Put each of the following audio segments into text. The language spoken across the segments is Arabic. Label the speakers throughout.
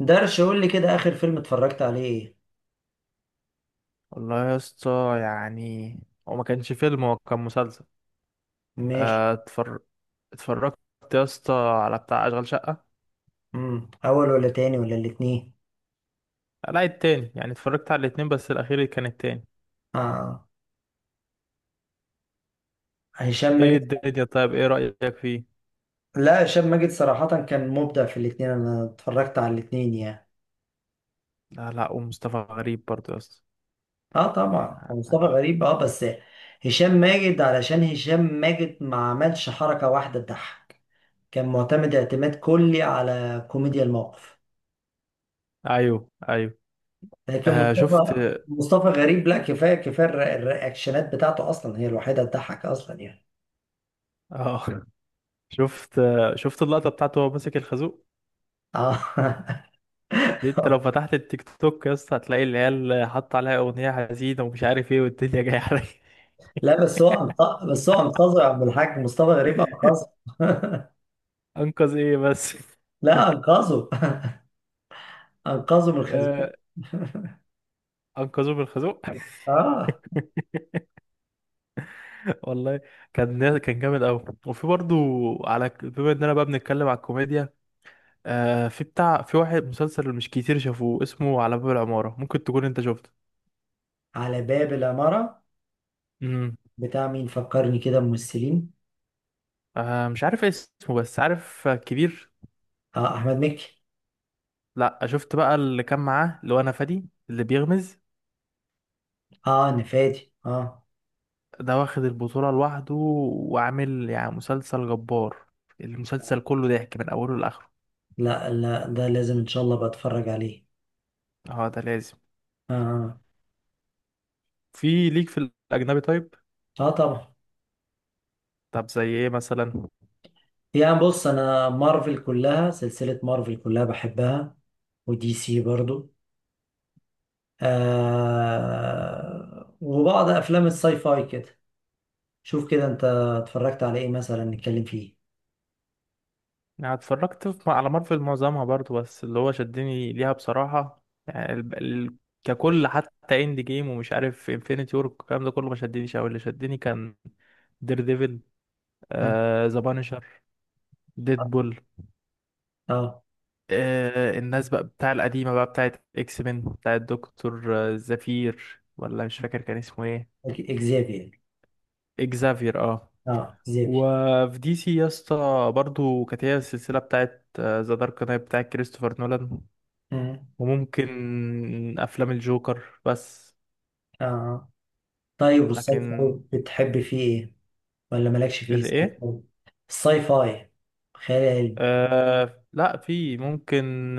Speaker 1: درش قول لي كده اخر فيلم اتفرجت عليه ايه؟
Speaker 2: والله يا اسطى، هو ما كانش فيلم، هو كان مسلسل.
Speaker 1: ماشي.
Speaker 2: آه، اتفر... اتفرجت يا اسطى على بتاع اشغال شقة.
Speaker 1: اول ولا تاني ولا الاتنين؟
Speaker 2: آه، لا التاني، اتفرجت على الاتنين بس الاخير كان التاني.
Speaker 1: اه. هشام
Speaker 2: ايه
Speaker 1: ماجد.
Speaker 2: الدنيا؟ طيب ايه رأيك فيه؟
Speaker 1: لا، هشام ماجد صراحة كان مبدع في الاتنين، انا اتفرجت على الاتنين يعني.
Speaker 2: لا لا، ومصطفى غريب برضه يا اسطى.
Speaker 1: اه طبعا مصطفى غريب اه بس هشام ماجد، علشان هشام ماجد ما عملش حركة واحدة تضحك. كان معتمد اعتماد كلي على كوميديا الموقف.
Speaker 2: ايوه ايوه.
Speaker 1: لكن
Speaker 2: آه شفت.
Speaker 1: مصطفى غريب، لا، كفاية كفاية الرياكشنات بتاعته اصلا هي الوحيدة تضحك اصلا يعني.
Speaker 2: اه شفت، آه، شفت اللقطة بتاعته وهو ماسك الخازوق.
Speaker 1: اه
Speaker 2: دي انت لو فتحت التيك توك يا اسطى هتلاقي العيال حاطة عليها اغنية حزينة ومش عارف ايه والدنيا جاية عليا.
Speaker 1: لا بس هو انقذه يا عبد الحاج، مصطفى غريب انقذه
Speaker 2: انقذ ايه بس؟
Speaker 1: لا انقذه. انقذه من الخزينه.
Speaker 2: آه، انقذوه من الخازوق.
Speaker 1: اه.
Speaker 2: والله كان جامد قوي. وفي برضو، على بما اننا بقى بنتكلم على الكوميديا، آه في بتاع، في واحد مسلسل مش كتير شافوه اسمه على باب العمارة، ممكن تكون انت شفته.
Speaker 1: على باب العماره،
Speaker 2: امم.
Speaker 1: بتاع مين؟ فكرني كده ممثلين.
Speaker 2: آه مش عارف اسمه، بس عارف كبير.
Speaker 1: اه، احمد مكي.
Speaker 2: لا، شفت بقى اللي كان معاه، اللي هو انا فادي اللي بيغمز.
Speaker 1: اه، نفادي اه.
Speaker 2: ده واخد البطولة لوحده، وعامل مسلسل جبار. المسلسل كله ضحك من اوله لاخره.
Speaker 1: لا لا، ده لازم ان شاء الله بتفرج عليه.
Speaker 2: اه ده لازم.
Speaker 1: اه.
Speaker 2: في ليك في الاجنبي طيب؟
Speaker 1: اه، آه، طبعا.
Speaker 2: طب زي ايه مثلا؟
Speaker 1: يعني بص، انا مارفل كلها، سلسله مارفل كلها بحبها. ودي سي برضو. آه، وبعض افلام الساي فاي كده. شوف كده انت اتفرجت على ايه مثلا نتكلم فيه؟
Speaker 2: اتفرجت على مارفل معظمها برضو، بس اللي هو شدني ليها بصراحة، ككل، حتى اند جيم ومش عارف انفينيتي وور، الكلام ده كله ما شدنيش أوي. اللي شدني كان دير ديفل،
Speaker 1: مم.
Speaker 2: آه ذا بانشر، ديدبول،
Speaker 1: اه
Speaker 2: آه الناس بقى بتاع القديمة، بقى بتاعت اكس مان، بتاعت دكتور آه، زفير، ولا مش فاكر كان اسمه ايه.
Speaker 1: اكزافير.
Speaker 2: اكزافير اه.
Speaker 1: اه اكزافير.
Speaker 2: وفي دي سي يا اسطى، برضه كانت هي السلسلة بتاعت ذا دارك نايت بتاعت كريستوفر نولان،
Speaker 1: اه.
Speaker 2: وممكن افلام الجوكر بس.
Speaker 1: آه. طيب، والساي
Speaker 2: لكن
Speaker 1: فاي بتحب فيه ايه؟ ولا مالكش فيه الساي
Speaker 2: الايه؟
Speaker 1: فاي؟ الساي فاي، خيال علمي.
Speaker 2: آه لا، في ممكن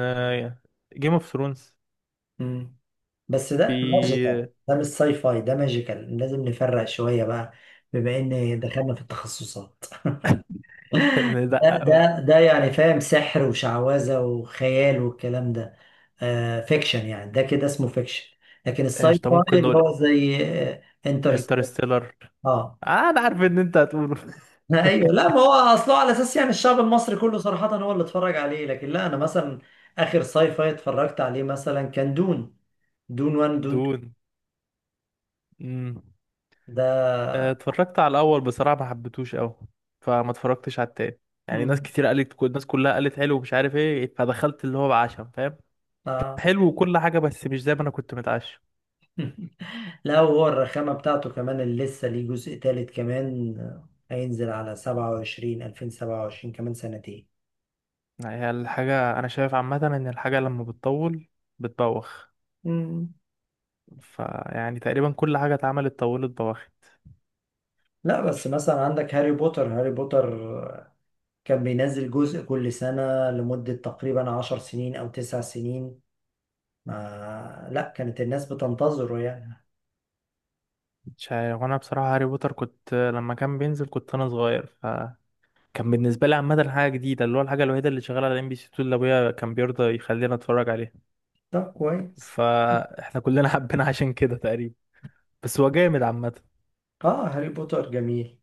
Speaker 2: جيم اوف ثرونز.
Speaker 1: مم. بس ده
Speaker 2: في
Speaker 1: ماجيكال، ده مش ساي فاي، ده ماجيكال، لازم نفرق شوية بقى. بما ان دخلنا في التخصصات. ده
Speaker 2: ندقق
Speaker 1: ده
Speaker 2: بقى.
Speaker 1: ده يعني فاهم، سحر وشعوذة وخيال والكلام ده. آه، فيكشن، يعني ده كده اسمه فيكشن. لكن الساي
Speaker 2: ايش ده
Speaker 1: فاي
Speaker 2: ممكن
Speaker 1: اللي
Speaker 2: نقول؟
Speaker 1: هو زي انترستيلر
Speaker 2: انترستيلر.
Speaker 1: اه. Interstellar. آه.
Speaker 2: آه انا عارف ان انت هتقوله.
Speaker 1: ايوه، لا ما هو اصله على اساس يعني الشعب المصري كله صراحة هو اللي اتفرج عليه، لكن لا انا مثلا اخر ساي فاي اتفرجت عليه مثلا كان دون. دون 1، دون 2
Speaker 2: دون. مم. آه،
Speaker 1: ده.
Speaker 2: اتفرجت على الاول بصراحه، ما حبيتهوش قوي، فما اتفرجتش على التاني. ناس
Speaker 1: مم.
Speaker 2: كتير قالت، كل الناس كلها قالت حلو ومش عارف ايه، فدخلت اللي هو بعشم، فاهم،
Speaker 1: اه.
Speaker 2: حلو وكل حاجه، بس مش زي ما انا كنت متعشم.
Speaker 1: لا، هو الرخامة بتاعته كمان اللي لسه ليه جزء تالت كمان، آه، هينزل على 27، 2027، كمان سنتين.
Speaker 2: هي الحاجة أنا شايف عامة إن الحاجة لما بتطول بتبوخ.
Speaker 1: مم.
Speaker 2: تقريبا كل حاجة اتعملت طولت بوخت.
Speaker 1: لا، بس مثلا عندك هاري بوتر، هاري بوتر، آه، كان بينزل جزء كل سنة لمدة تقريبا 10 سنين أو 9 سنين. ما لا، كانت الناس بتنتظره يعني.
Speaker 2: مش عارف، وأنا بصراحة هاري بوتر كنت لما كان بينزل كنت أنا صغير، فكان بالنسبة لي عامة حاجة جديدة، اللي هو الحاجة الوحيدة اللي شغالة على ام بي سي 2 اللي أبويا كان بيرضى يخلينا نتفرج عليها،
Speaker 1: طب كويس.
Speaker 2: فاحنا كلنا حبينا عشان كده تقريبا. بس هو جامد عامة.
Speaker 1: اه، هاري بوتر جميل.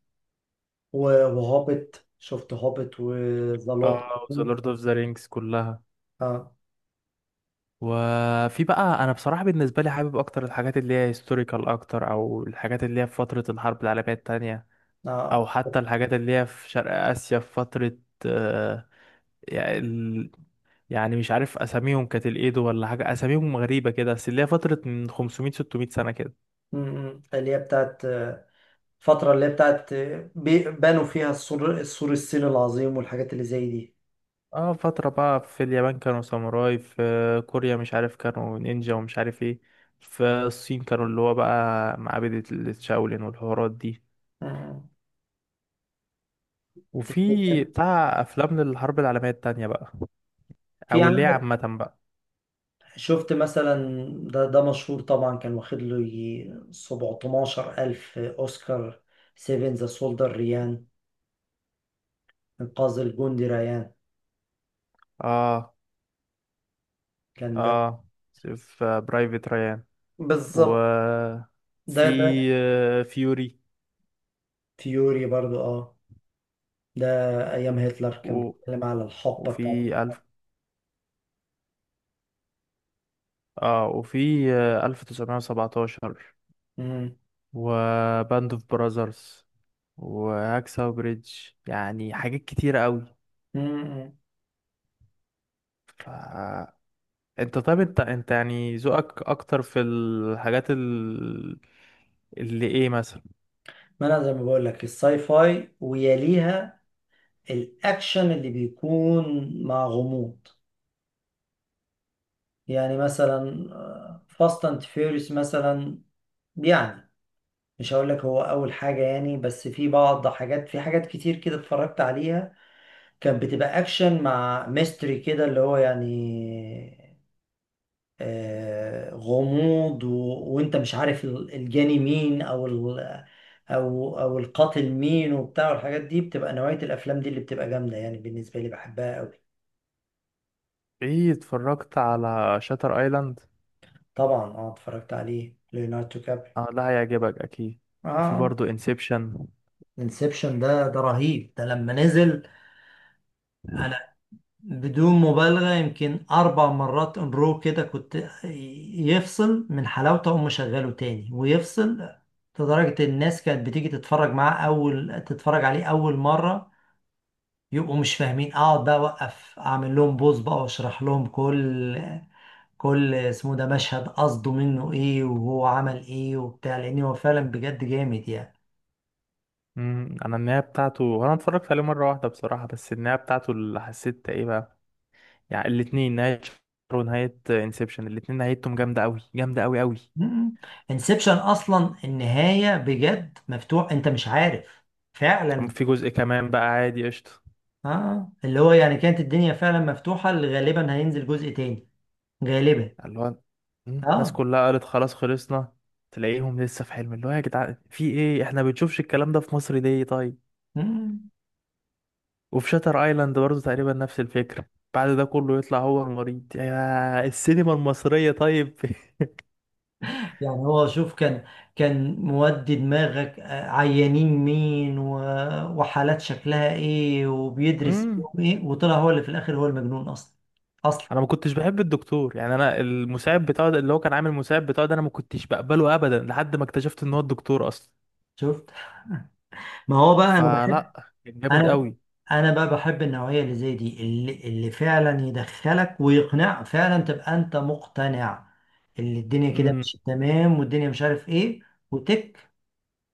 Speaker 1: وهوبت، شفت هوبت وذا لورد؟
Speaker 2: اه ذا لورد اوف ذا رينجز كلها.
Speaker 1: اه.
Speaker 2: وفي بقى انا بصراحه بالنسبه لي حابب اكتر الحاجات اللي هي هيستوريكال اكتر، او الحاجات اللي هي في فتره الحرب العالميه التانية،
Speaker 1: اه
Speaker 2: او حتى الحاجات اللي هي في شرق اسيا في فتره آه، يعني ال- مش عارف اساميهم، كانت الايدو ولا حاجه، اساميهم غريبه كده، بس اللي هي فتره من 500 600 سنه كده.
Speaker 1: م- م. اللي هي بتاعت الفترة اللي هي بتاعت، بنوا فيها السور الصيني العظيم والحاجات اللي زي دي.
Speaker 2: اه فتره بقى في اليابان كانوا ساموراي، في كوريا مش عارف كانوا نينجا ومش عارف ايه، في الصين كانوا اللي هو بقى معابد الشاولين والحوارات دي.
Speaker 1: آه.
Speaker 2: وفي بتاع افلام للحرب العالميه التانية بقى،
Speaker 1: في
Speaker 2: او اللي هي
Speaker 1: عندك،
Speaker 2: عامه بقى.
Speaker 1: شفت مثلا، ده مشهور طبعا، كان واخد له يجي 17 ألف أوسكار، سيفن ذا سولدر ريان، إنقاذ الجندي ريان،
Speaker 2: اه
Speaker 1: كان ده.
Speaker 2: اه، في برايفت ريان، و
Speaker 1: بالظبط. ده
Speaker 2: في
Speaker 1: ده
Speaker 2: آه، فيوري،
Speaker 1: فيوري برضو اه. ده أيام هتلر، كان
Speaker 2: و...
Speaker 1: بيتكلم على الحقبة بتاعته.
Speaker 2: وفي الف اه وفي آه، 1917،
Speaker 1: مم.
Speaker 2: وباند اوف براذرز، وهاكساو بريدج. يعني حاجات كتيرة قوي.
Speaker 1: مم.
Speaker 2: ف انت طيب، انت ذوقك اكتر في الحاجات اللي ايه مثلا؟
Speaker 1: ما أنا زي ما بقول لك الساي فاي، ويليها الاكشن اللي بيكون مع غموض، يعني مثلا فاست اند فيوريوس مثلا يعني. مش هقول لك هو اول حاجه يعني، بس في بعض حاجات، في حاجات كتير كده اتفرجت عليها، كانت بتبقى اكشن مع ميستري كده اللي هو يعني، آه، غموض، و... وانت مش عارف الجاني مين، او ال... او او القاتل مين وبتاع، والحاجات دي بتبقى نوعيه الافلام دي اللي بتبقى جامده يعني، بالنسبه لي بحبها قوي.
Speaker 2: ايه، اتفرجت على شاتر ايلاند؟
Speaker 1: طبعا، اه، اتفرجت عليه، ليوناردو كابري.
Speaker 2: اه ده هيعجبك اكيد. وفي
Speaker 1: اه.
Speaker 2: برضه انسبشن.
Speaker 1: انسبشن ده رهيب، ده لما نزل انا، بدون مبالغة، يمكن 4 مرات ان رو كده، كنت يفصل من حلاوته اقوم مشغله تاني ويفصل. لدرجة الناس كانت بتيجي تتفرج معاه، اول تتفرج عليه اول مرة يبقوا مش فاهمين، اقعد بقى اوقف اعمل لهم بوز بقى واشرح لهم كل اسمه ده مشهد قصده منه ايه وهو عمل ايه وبتاع، لان هو فعلا بجد جامد يعني.
Speaker 2: امم، انا النهايه بتاعته هو، انا اتفرجت عليه مره واحده بصراحه، بس النهايه بتاعته اللي حسيت ايه بقى، الاتنين، نهايه شاتر ونهايه انسبشن، الاتنين نهايتهم جامده قوي، جامده قوي قوي.
Speaker 1: انسبشن اصلا النهايه بجد مفتوح، انت مش عارف
Speaker 2: أم،
Speaker 1: فعلا.
Speaker 2: في جزء كمان بقى عادي قشطه.
Speaker 1: اه، اللي هو يعني كانت الدنيا فعلا مفتوحه، اللي غالبا هينزل جزء تاني، غالبا.
Speaker 2: اللي هو مم، الناس
Speaker 1: اه.
Speaker 2: كلها قالت خلاص خلصنا، تلاقيهم لسه في حلم. اللي هو يا جدعان في ايه، احنا بنشوفش الكلام ده في مصر ليه طيب؟
Speaker 1: مم.
Speaker 2: وفي شاتر ايلاند برضه تقريبا نفس الفكرة، بعد ده كله يطلع هو المريض، يا السينما المصرية طيب.
Speaker 1: يعني هو شوف، كان مودي دماغك، آه، عيانين مين، و... وحالات شكلها ايه وبيدرس
Speaker 2: امم،
Speaker 1: فيهم ايه، وطلع هو اللي في الاخر هو المجنون اصلا، اصلا.
Speaker 2: انا ما كنتش بحب الدكتور، يعني انا المساعد بتاعه ده، اللي هو كان عامل المساعد بتاعه ده، انا ما كنتش بقبله ابدا لحد ما اكتشفت ان هو الدكتور اصلا.
Speaker 1: شفت؟ ما هو بقى انا،
Speaker 2: فلا كان جامد
Speaker 1: انا
Speaker 2: قوي.
Speaker 1: انا بقى بحب النوعيه اللي زي دي، اللي فعلا يدخلك ويقنع، فعلا تبقى انت مقتنع، اللي الدنيا كده
Speaker 2: امم
Speaker 1: مش تمام والدنيا مش عارف ايه. وتك،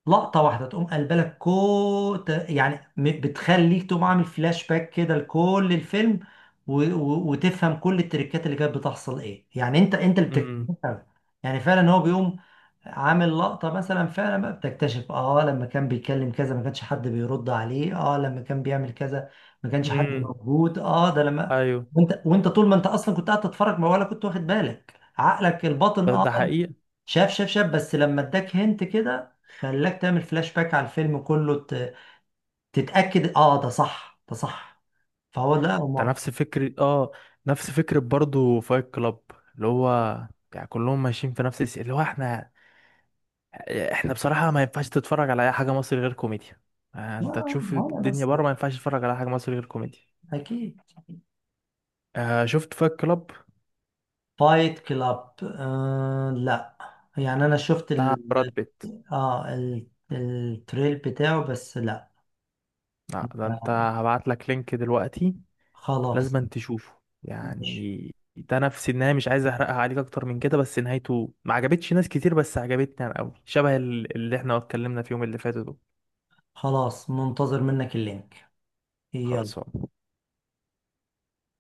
Speaker 1: لقطة واحدة تقوم قلبة لك، كو ت- يعني م- بتخليك تقوم عامل فلاش باك كده لكل الفيلم، وتفهم كل التريكات اللي كانت بتحصل ايه، يعني انت اللي
Speaker 2: امم
Speaker 1: بتكتشفها. يعني فعلا هو بيقوم عامل لقطة مثلا، فعلا بقى بتكتشف اه لما كان بيتكلم كذا ما كانش حد بيرد عليه، اه لما كان بيعمل كذا ما كانش حد
Speaker 2: امم
Speaker 1: موجود، اه ده لما.
Speaker 2: ايوه.
Speaker 1: وانت طول ما انت اصلا كنت قاعد تتفرج، ما ولا كنت واخد بالك، عقلك الباطن
Speaker 2: ده,
Speaker 1: اه
Speaker 2: ده حقيقة.
Speaker 1: شاف شاف شاف، بس لما اداك هنت كده خلاك تعمل فلاش باك على الفيلم كله، تتأكد اه ده صح، ده صح. فهو لا
Speaker 2: ده
Speaker 1: ما
Speaker 2: نفس فكرة اه، نفس فكرة برضه فايت كلاب. اللي هو يعني كلهم ماشيين في نفس اللي هو احنا بصراحة ما ينفعش تتفرج على اي حاجة مصري غير كوميديا. آه، انت
Speaker 1: لا،
Speaker 2: تشوف
Speaker 1: ما انا
Speaker 2: الدنيا
Speaker 1: بس،
Speaker 2: بره، ما ينفعش تتفرج على حاجة مصري غير كوميديا.
Speaker 1: اكيد.
Speaker 2: آه، شفت فايت كلاب؟
Speaker 1: فايت كلاب آه لا، يعني انا شفت
Speaker 2: بتاع براد
Speaker 1: ال...
Speaker 2: بيت.
Speaker 1: اه، التريل بتاعه بس لا.
Speaker 2: لا ده انت هبعت لك لينك دلوقتي،
Speaker 1: خلاص.
Speaker 2: لازم أن تشوفه.
Speaker 1: ماشي.
Speaker 2: يعني ده نفس النهاية، مش عايز احرقها عليك اكتر من كده، بس نهايته ما عجبتش ناس كتير، بس عجبتني انا قوي، شبه اللي احنا اتكلمنا فيهم اللي فاتوا دول.
Speaker 1: خلاص، منتظر منك اللينك. يلا.
Speaker 2: خلصان